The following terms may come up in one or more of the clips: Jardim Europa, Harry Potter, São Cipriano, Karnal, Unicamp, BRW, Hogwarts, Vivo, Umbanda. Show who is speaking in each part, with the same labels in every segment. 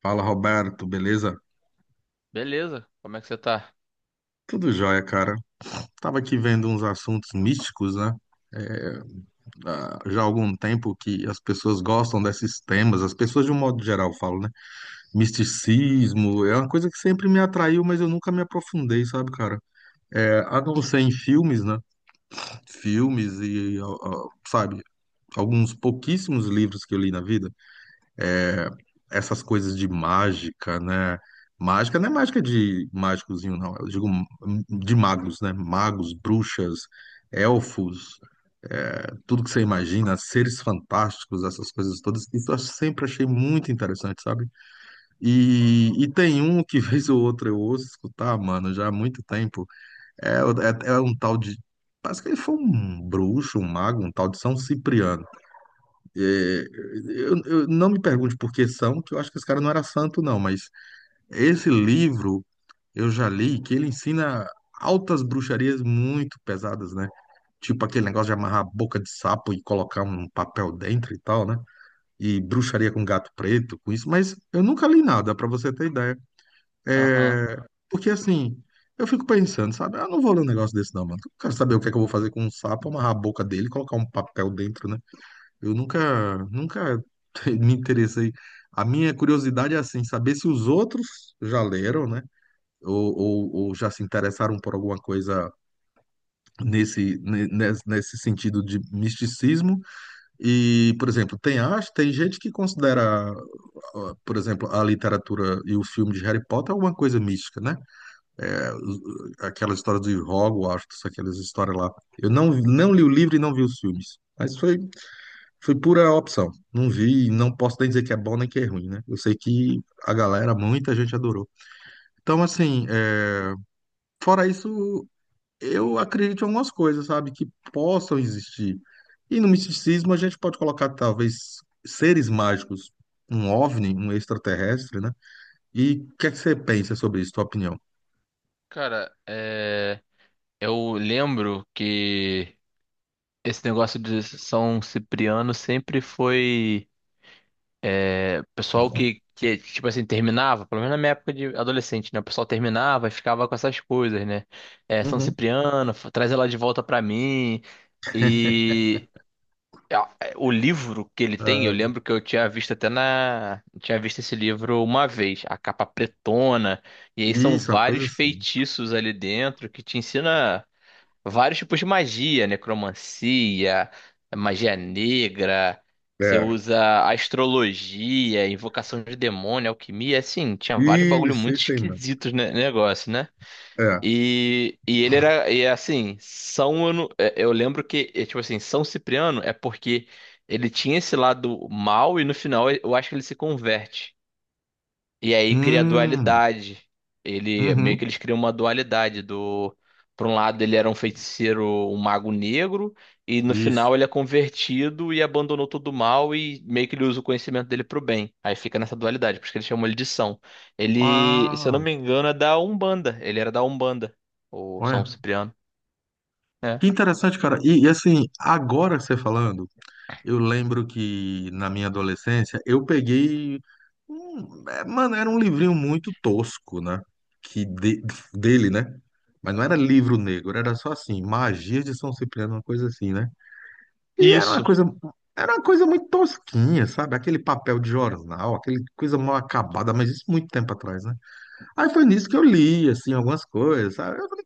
Speaker 1: Fala, Roberto, beleza?
Speaker 2: Beleza, como é que você tá?
Speaker 1: Tudo jóia, cara. Tava aqui vendo uns assuntos místicos, né? Já há algum tempo que as pessoas gostam desses temas, as pessoas de um modo geral falam, né? Misticismo é uma coisa que sempre me atraiu, mas eu nunca me aprofundei, sabe, cara? É, a não ser em filmes, né? Filmes e, ó, ó, sabe, alguns pouquíssimos livros que eu li na vida. Essas coisas de mágica, né? Mágica não é mágica de mágicozinho, não. Eu digo de magos, né? Magos, bruxas, elfos, é, tudo que você imagina, seres fantásticos, essas coisas todas. Isso eu sempre achei muito interessante, sabe? E tem um que vez ou outra eu ouço escutar, mano, já há muito tempo. É, é um tal de. Parece que ele foi um bruxo, um mago, um tal de São Cipriano. É, não me pergunte por que são, que eu acho que esse cara não era santo, não, mas esse livro eu já li que ele ensina altas bruxarias muito pesadas, né? Tipo aquele negócio de amarrar a boca de sapo e colocar um papel dentro e tal, né? E bruxaria com gato preto, com isso, mas eu nunca li nada, pra você ter ideia.
Speaker 2: Aham.
Speaker 1: É... Porque assim, eu fico pensando, sabe? Ah, não vou ler um negócio desse não, mano. Eu quero saber o que é que eu vou fazer com um sapo, amarrar a boca dele e colocar um papel dentro, né? Eu nunca me interessei. A minha curiosidade é assim, saber se os outros já leram, né? Ou já se interessaram por alguma coisa nesse sentido de misticismo. E, por exemplo, tem gente que considera, ah, por exemplo, a literatura e o filme de Harry Potter alguma coisa mística, né? É, os- aquela história de Hogwarts, aquelas histórias lá. Eu não li o livro e não vi os filmes. Foi pura opção. Não vi, e não posso nem dizer que é bom nem que é ruim, né? Eu sei que a galera, muita gente adorou. Então, assim, fora isso, eu acredito em algumas coisas, sabe, que possam existir. E no misticismo a gente pode colocar talvez seres mágicos, um OVNI, um extraterrestre, né? E o que é que você pensa sobre isso, tua opinião?
Speaker 2: Cara, eu lembro que esse negócio de São Cipriano sempre foi pessoal que tipo assim, terminava, pelo menos na minha época de adolescente, né? O pessoal terminava e ficava com essas coisas, né? É, São
Speaker 1: Uhum.
Speaker 2: Cipriano, traz ela de volta pra mim. E a- o livro que ele tem, eu
Speaker 1: Ah,
Speaker 2: lembro que eu tinha visto até na. Eu tinha visto esse livro uma vez, a capa pretona, e aí são
Speaker 1: isso, é uma coisa
Speaker 2: vários
Speaker 1: assim.
Speaker 2: feitiços ali dentro que te ensina vários tipos de magia, necromancia, magia negra, você
Speaker 1: É.
Speaker 2: usa astrologia, invocação de demônio, alquimia, assim, tinha vários bagulho
Speaker 1: Isso,
Speaker 2: muito
Speaker 1: isso aí, mano.
Speaker 2: esquisitos no negócio, né?
Speaker 1: É.
Speaker 2: E ele era, e é assim, São, eu, não- é, eu lembro que, é, tipo assim, São Cipriano é porque ele tinha esse lado mal e no final eu acho que ele se converte. E aí cria a
Speaker 1: Hum,
Speaker 2: dualidade. Ele meio
Speaker 1: uhum,
Speaker 2: que eles criam uma dualidade do por um lado ele era um feiticeiro, um mago negro, e no
Speaker 1: isso.
Speaker 2: final ele é convertido e abandonou todo o mal e meio que ele usa o conhecimento dele pro bem. Aí fica nessa dualidade, por isso que eles chamam ele de São. Ele, se eu não
Speaker 1: Ah,
Speaker 2: me engano, é da Umbanda. Ele era da Umbanda, o São
Speaker 1: olha.
Speaker 2: Cipriano. É.
Speaker 1: Que interessante, cara. E assim, agora que você falando. Eu lembro que na minha adolescência eu peguei. É, mano, era um livrinho muito tosco, né? Que de- dele, né? Mas não era livro negro, era só assim, Magias de São Cipriano, uma coisa assim, né? E era uma
Speaker 2: Isso.
Speaker 1: coisa, era uma coisa muito tosquinha, sabe? Aquele papel de jornal, aquele coisa mal acabada, mas isso muito tempo atrás, né? Aí foi nisso que eu li, assim, algumas coisas, sabe? Eu falei,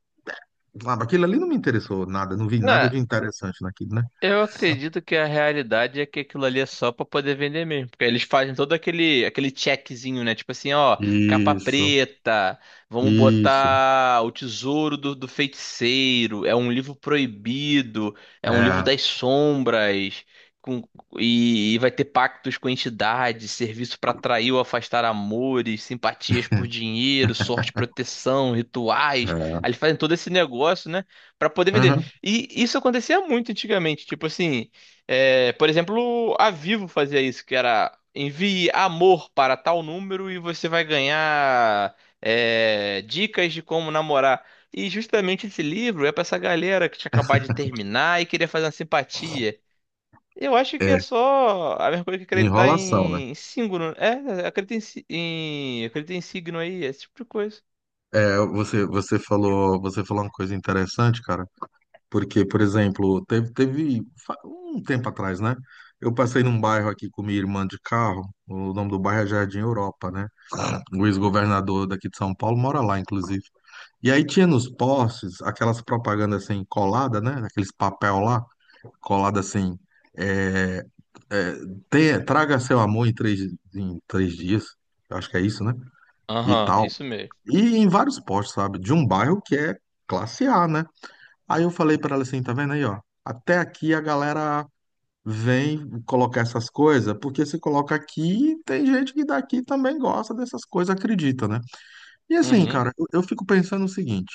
Speaker 1: sabe, aquilo ali não me interessou nada, não vi nada
Speaker 2: Né,
Speaker 1: de interessante naquilo, né?
Speaker 2: eu acredito que a realidade é que aquilo ali é só pra poder vender mesmo, porque eles fazem todo aquele checkzinho, né? Tipo assim, ó, capa
Speaker 1: Isso,
Speaker 2: preta, vamos
Speaker 1: isso.
Speaker 2: botar o Tesouro do Feiticeiro, é um livro proibido, é um livro
Speaker 1: É,
Speaker 2: das sombras, com- e vai ter pactos com entidades, serviço pra atrair ou afastar amores, simpatias por dinheiro, sorte, proteção, rituais.
Speaker 1: é,
Speaker 2: Aí eles fazem todo esse negócio, né? Pra poder vender.
Speaker 1: aham,
Speaker 2: E isso acontecia muito antigamente, tipo assim, é, por exemplo, a Vivo fazia isso, que era envie amor para tal número e você vai ganhar é, dicas de como namorar. E justamente esse livro é para essa galera que tinha acabado de terminar e queria fazer uma simpatia. Eu acho que é
Speaker 1: é,
Speaker 2: só a mesma coisa que acreditar
Speaker 1: enrolação, né?
Speaker 2: em signo, acredita em signo aí, esse tipo de coisa.
Speaker 1: É, você falou uma coisa interessante, cara, porque, por exemplo, um tempo atrás, né? Eu passei num bairro aqui com minha irmã de carro, o nome do bairro é Jardim Europa, né? O ex-governador daqui de São Paulo mora lá, inclusive. E aí tinha nos postes aquelas propagandas assim, colada, né? Aqueles papel lá, colada assim, é, é, traga seu em três dias, eu acho que é isso, né? E
Speaker 2: Aham,
Speaker 1: tal.
Speaker 2: isso mesmo.
Speaker 1: E em vários postos, sabe? De um bairro que é classe A, né? Aí eu falei pra ela assim, tá vendo aí, ó? Até aqui a galera vem colocar essas coisas, porque se coloca aqui, tem gente que daqui também gosta dessas coisas, acredita, né? E assim,
Speaker 2: Uhum,
Speaker 1: cara, eu fico pensando o seguinte,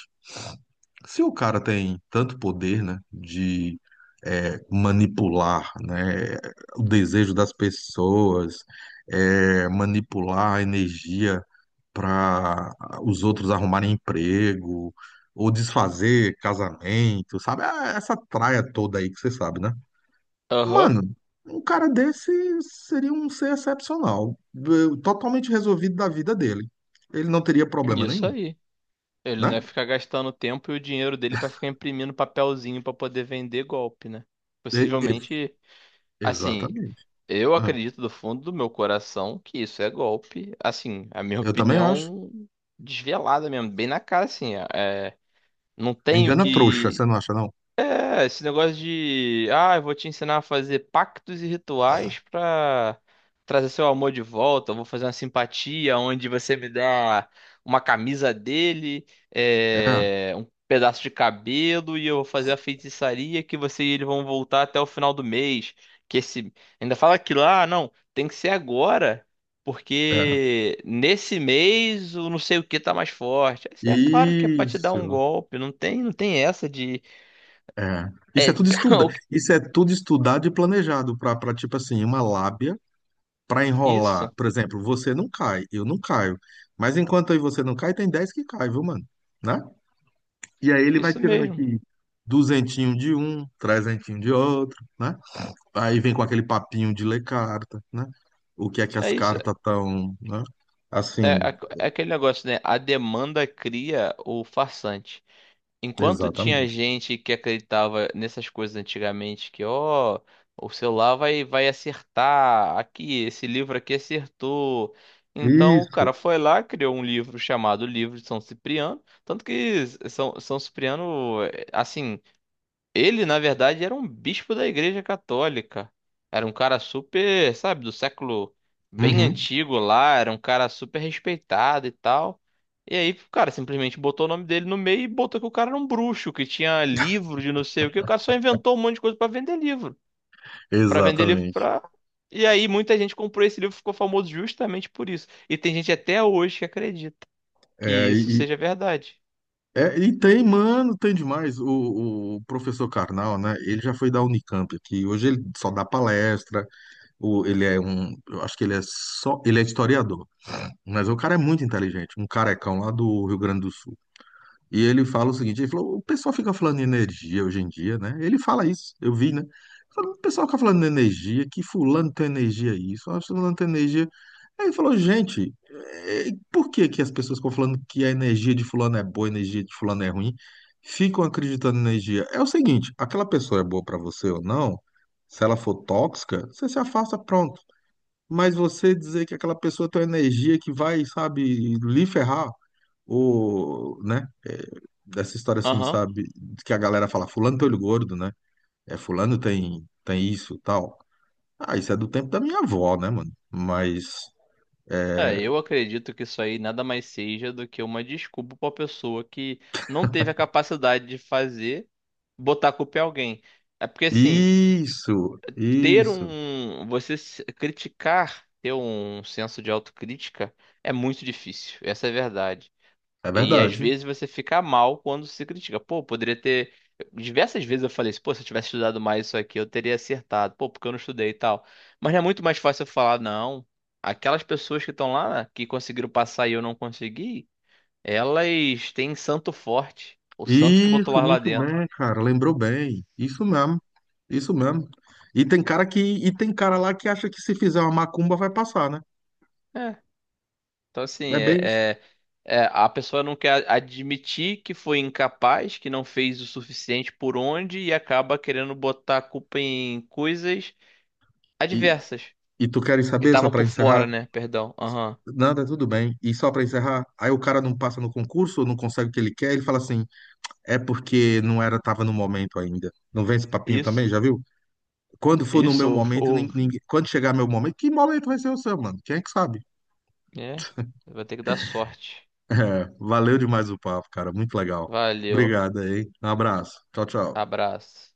Speaker 1: se o cara tem tanto poder, né, de manipular, né, o desejo das pessoas, manipular a energia para os outros arrumarem emprego ou desfazer casamento, sabe? Essa traia toda aí que você sabe, né?
Speaker 2: aham,
Speaker 1: Mano, um cara desse seria um ser excepcional, totalmente resolvido da vida dele. Ele não teria problema
Speaker 2: isso
Speaker 1: nenhum,
Speaker 2: aí. Ele não ia
Speaker 1: né?
Speaker 2: ficar gastando o tempo e o dinheiro dele pra ficar imprimindo papelzinho pra poder vender golpe, né?
Speaker 1: E- e-
Speaker 2: Possivelmente, assim,
Speaker 1: exatamente.
Speaker 2: eu
Speaker 1: É.
Speaker 2: acredito do fundo do meu coração que isso é golpe. Assim, a minha
Speaker 1: Eu também acho.
Speaker 2: opinião desvelada mesmo, bem na cara, assim, é, não
Speaker 1: É,
Speaker 2: tenho
Speaker 1: engana trouxa, você
Speaker 2: que
Speaker 1: não acha, não?
Speaker 2: é, esse negócio de, ah, eu vou te ensinar a fazer pactos e rituais pra trazer seu amor de volta. Eu vou fazer uma simpatia onde você me dá uma camisa dele,
Speaker 1: É,
Speaker 2: é, um pedaço de cabelo e eu vou fazer a feitiçaria que você e ele vão voltar até o final do mês. Que esse ainda fala que lá, não, tem que ser agora,
Speaker 1: é.
Speaker 2: porque nesse mês o não sei o que tá mais forte. Isso é claro que é pra te dar um
Speaker 1: Isso.
Speaker 2: golpe, não tem, não tem essa de
Speaker 1: É.
Speaker 2: é,
Speaker 1: Isso é tudo estudado e planejado para tipo assim, uma lábia para enrolar,
Speaker 2: isso,
Speaker 1: por exemplo, você não cai, eu não caio. Mas enquanto aí você não cai, tem 10 que cai, viu, mano? Né? E aí ele vai
Speaker 2: isso
Speaker 1: tirando
Speaker 2: mesmo.
Speaker 1: aqui duzentinho de um, trezentinho de outro, né? Aí vem com aquele papinho de ler carta, né? O que é que
Speaker 2: É
Speaker 1: as
Speaker 2: isso.
Speaker 1: cartas estão, né?
Speaker 2: É,
Speaker 1: Assim,
Speaker 2: é aquele negócio, né? A demanda cria o farsante. Enquanto tinha
Speaker 1: exatamente.
Speaker 2: gente que acreditava nessas coisas antigamente, que, ó, o celular vai acertar, aqui, esse livro aqui acertou. Então o
Speaker 1: Isso.
Speaker 2: cara foi lá, criou um livro chamado Livro de São Cipriano. Tanto que São Cipriano, é, assim. Ele, na verdade, era um bispo da Igreja Católica. Era um cara super, sabe, do século bem
Speaker 1: Uhum,
Speaker 2: antigo lá, era um cara super respeitado e tal. E aí, o cara simplesmente botou o nome dele no meio e botou que o cara era um bruxo, que tinha livro de não sei o que. O cara só inventou um monte de coisa pra vender livro, pra vender livro
Speaker 1: exatamente.
Speaker 2: pra. E aí, muita gente comprou esse livro, e ficou famoso justamente por isso. E tem gente até hoje que acredita que
Speaker 1: É,
Speaker 2: isso
Speaker 1: e, e-
Speaker 2: seja verdade.
Speaker 1: e tem, mano, tem demais. O professor Karnal, né? Ele já foi da Unicamp aqui. Hoje ele só dá palestra, o, ele é um, eu acho que ele é só, ele é historiador, mas o cara é muito inteligente, um carecão lá do Rio Grande do Sul. E ele fala o seguinte, ele falou, o pessoal fica falando de energia hoje em dia, né? Ele fala isso, eu vi, né? Ele falou, o pessoal fica falando de energia, que fulano tem energia isso, ah, fulano tem energia. Aí ele falou, gente, por que que as pessoas ficam falando que a energia de fulano é boa, a energia de fulano é ruim? Ficam acreditando na energia. É o seguinte, aquela pessoa é boa pra você ou não, se ela for tóxica, você se afasta, pronto. Mas você dizer que aquela pessoa tem uma energia que vai, sabe, lhe ferrar, ou, né? Dessa história assim,
Speaker 2: Aham.
Speaker 1: sabe? Que a galera fala, fulano tem olho gordo, né? É, fulano tem isso, tal. Ah, isso é do tempo da minha avó, né, mano? Mas,
Speaker 2: É,
Speaker 1: é,
Speaker 2: eu acredito que isso aí nada mais seja do que uma desculpa para pessoa que não teve a capacidade de fazer, botar a culpa em alguém. É porque assim,
Speaker 1: isso,
Speaker 2: ter
Speaker 1: isso.
Speaker 2: um, você se- criticar, ter um senso de autocrítica é muito difícil. Essa é a verdade.
Speaker 1: É
Speaker 2: E às
Speaker 1: verdade.
Speaker 2: vezes você fica mal quando se critica. Pô, poderia ter. Diversas vezes eu falei assim, pô, se eu tivesse estudado mais isso aqui, eu teria acertado. Pô, porque eu não estudei e tal. Mas não é muito mais fácil eu falar, não. Aquelas pessoas que estão lá, que conseguiram passar e eu não consegui, elas têm santo forte. O santo que botou
Speaker 1: Isso,
Speaker 2: lá
Speaker 1: muito
Speaker 2: dentro.
Speaker 1: bem, cara. Lembrou bem. Isso mesmo. Isso mesmo. E tem cara lá que acha que se fizer uma macumba vai passar, né?
Speaker 2: É. Então, assim,
Speaker 1: É bem isso.
Speaker 2: é- é, a pessoa não quer admitir que foi incapaz, que não fez o suficiente por onde e acaba querendo botar a culpa em coisas
Speaker 1: E,
Speaker 2: adversas.
Speaker 1: e tu queres
Speaker 2: Que
Speaker 1: saber, só
Speaker 2: estavam
Speaker 1: para
Speaker 2: por
Speaker 1: encerrar?
Speaker 2: fora, né? Perdão. Aham.
Speaker 1: Nada, tudo bem. E só para encerrar, aí o cara não passa no concurso, não consegue o que ele quer, ele fala assim: é porque não era, tava no momento ainda. Não vem esse papinho
Speaker 2: Isso.
Speaker 1: também, já viu? Quando for no meu
Speaker 2: Isso.
Speaker 1: momento, ninguém, quando chegar meu momento, que momento vai ser o seu, mano? Quem é que sabe?
Speaker 2: É. Vai ter que dar sorte.
Speaker 1: É, valeu demais o papo, cara. Muito legal.
Speaker 2: Valeu.
Speaker 1: Obrigado aí. Um abraço. Tchau, tchau.
Speaker 2: Abraço.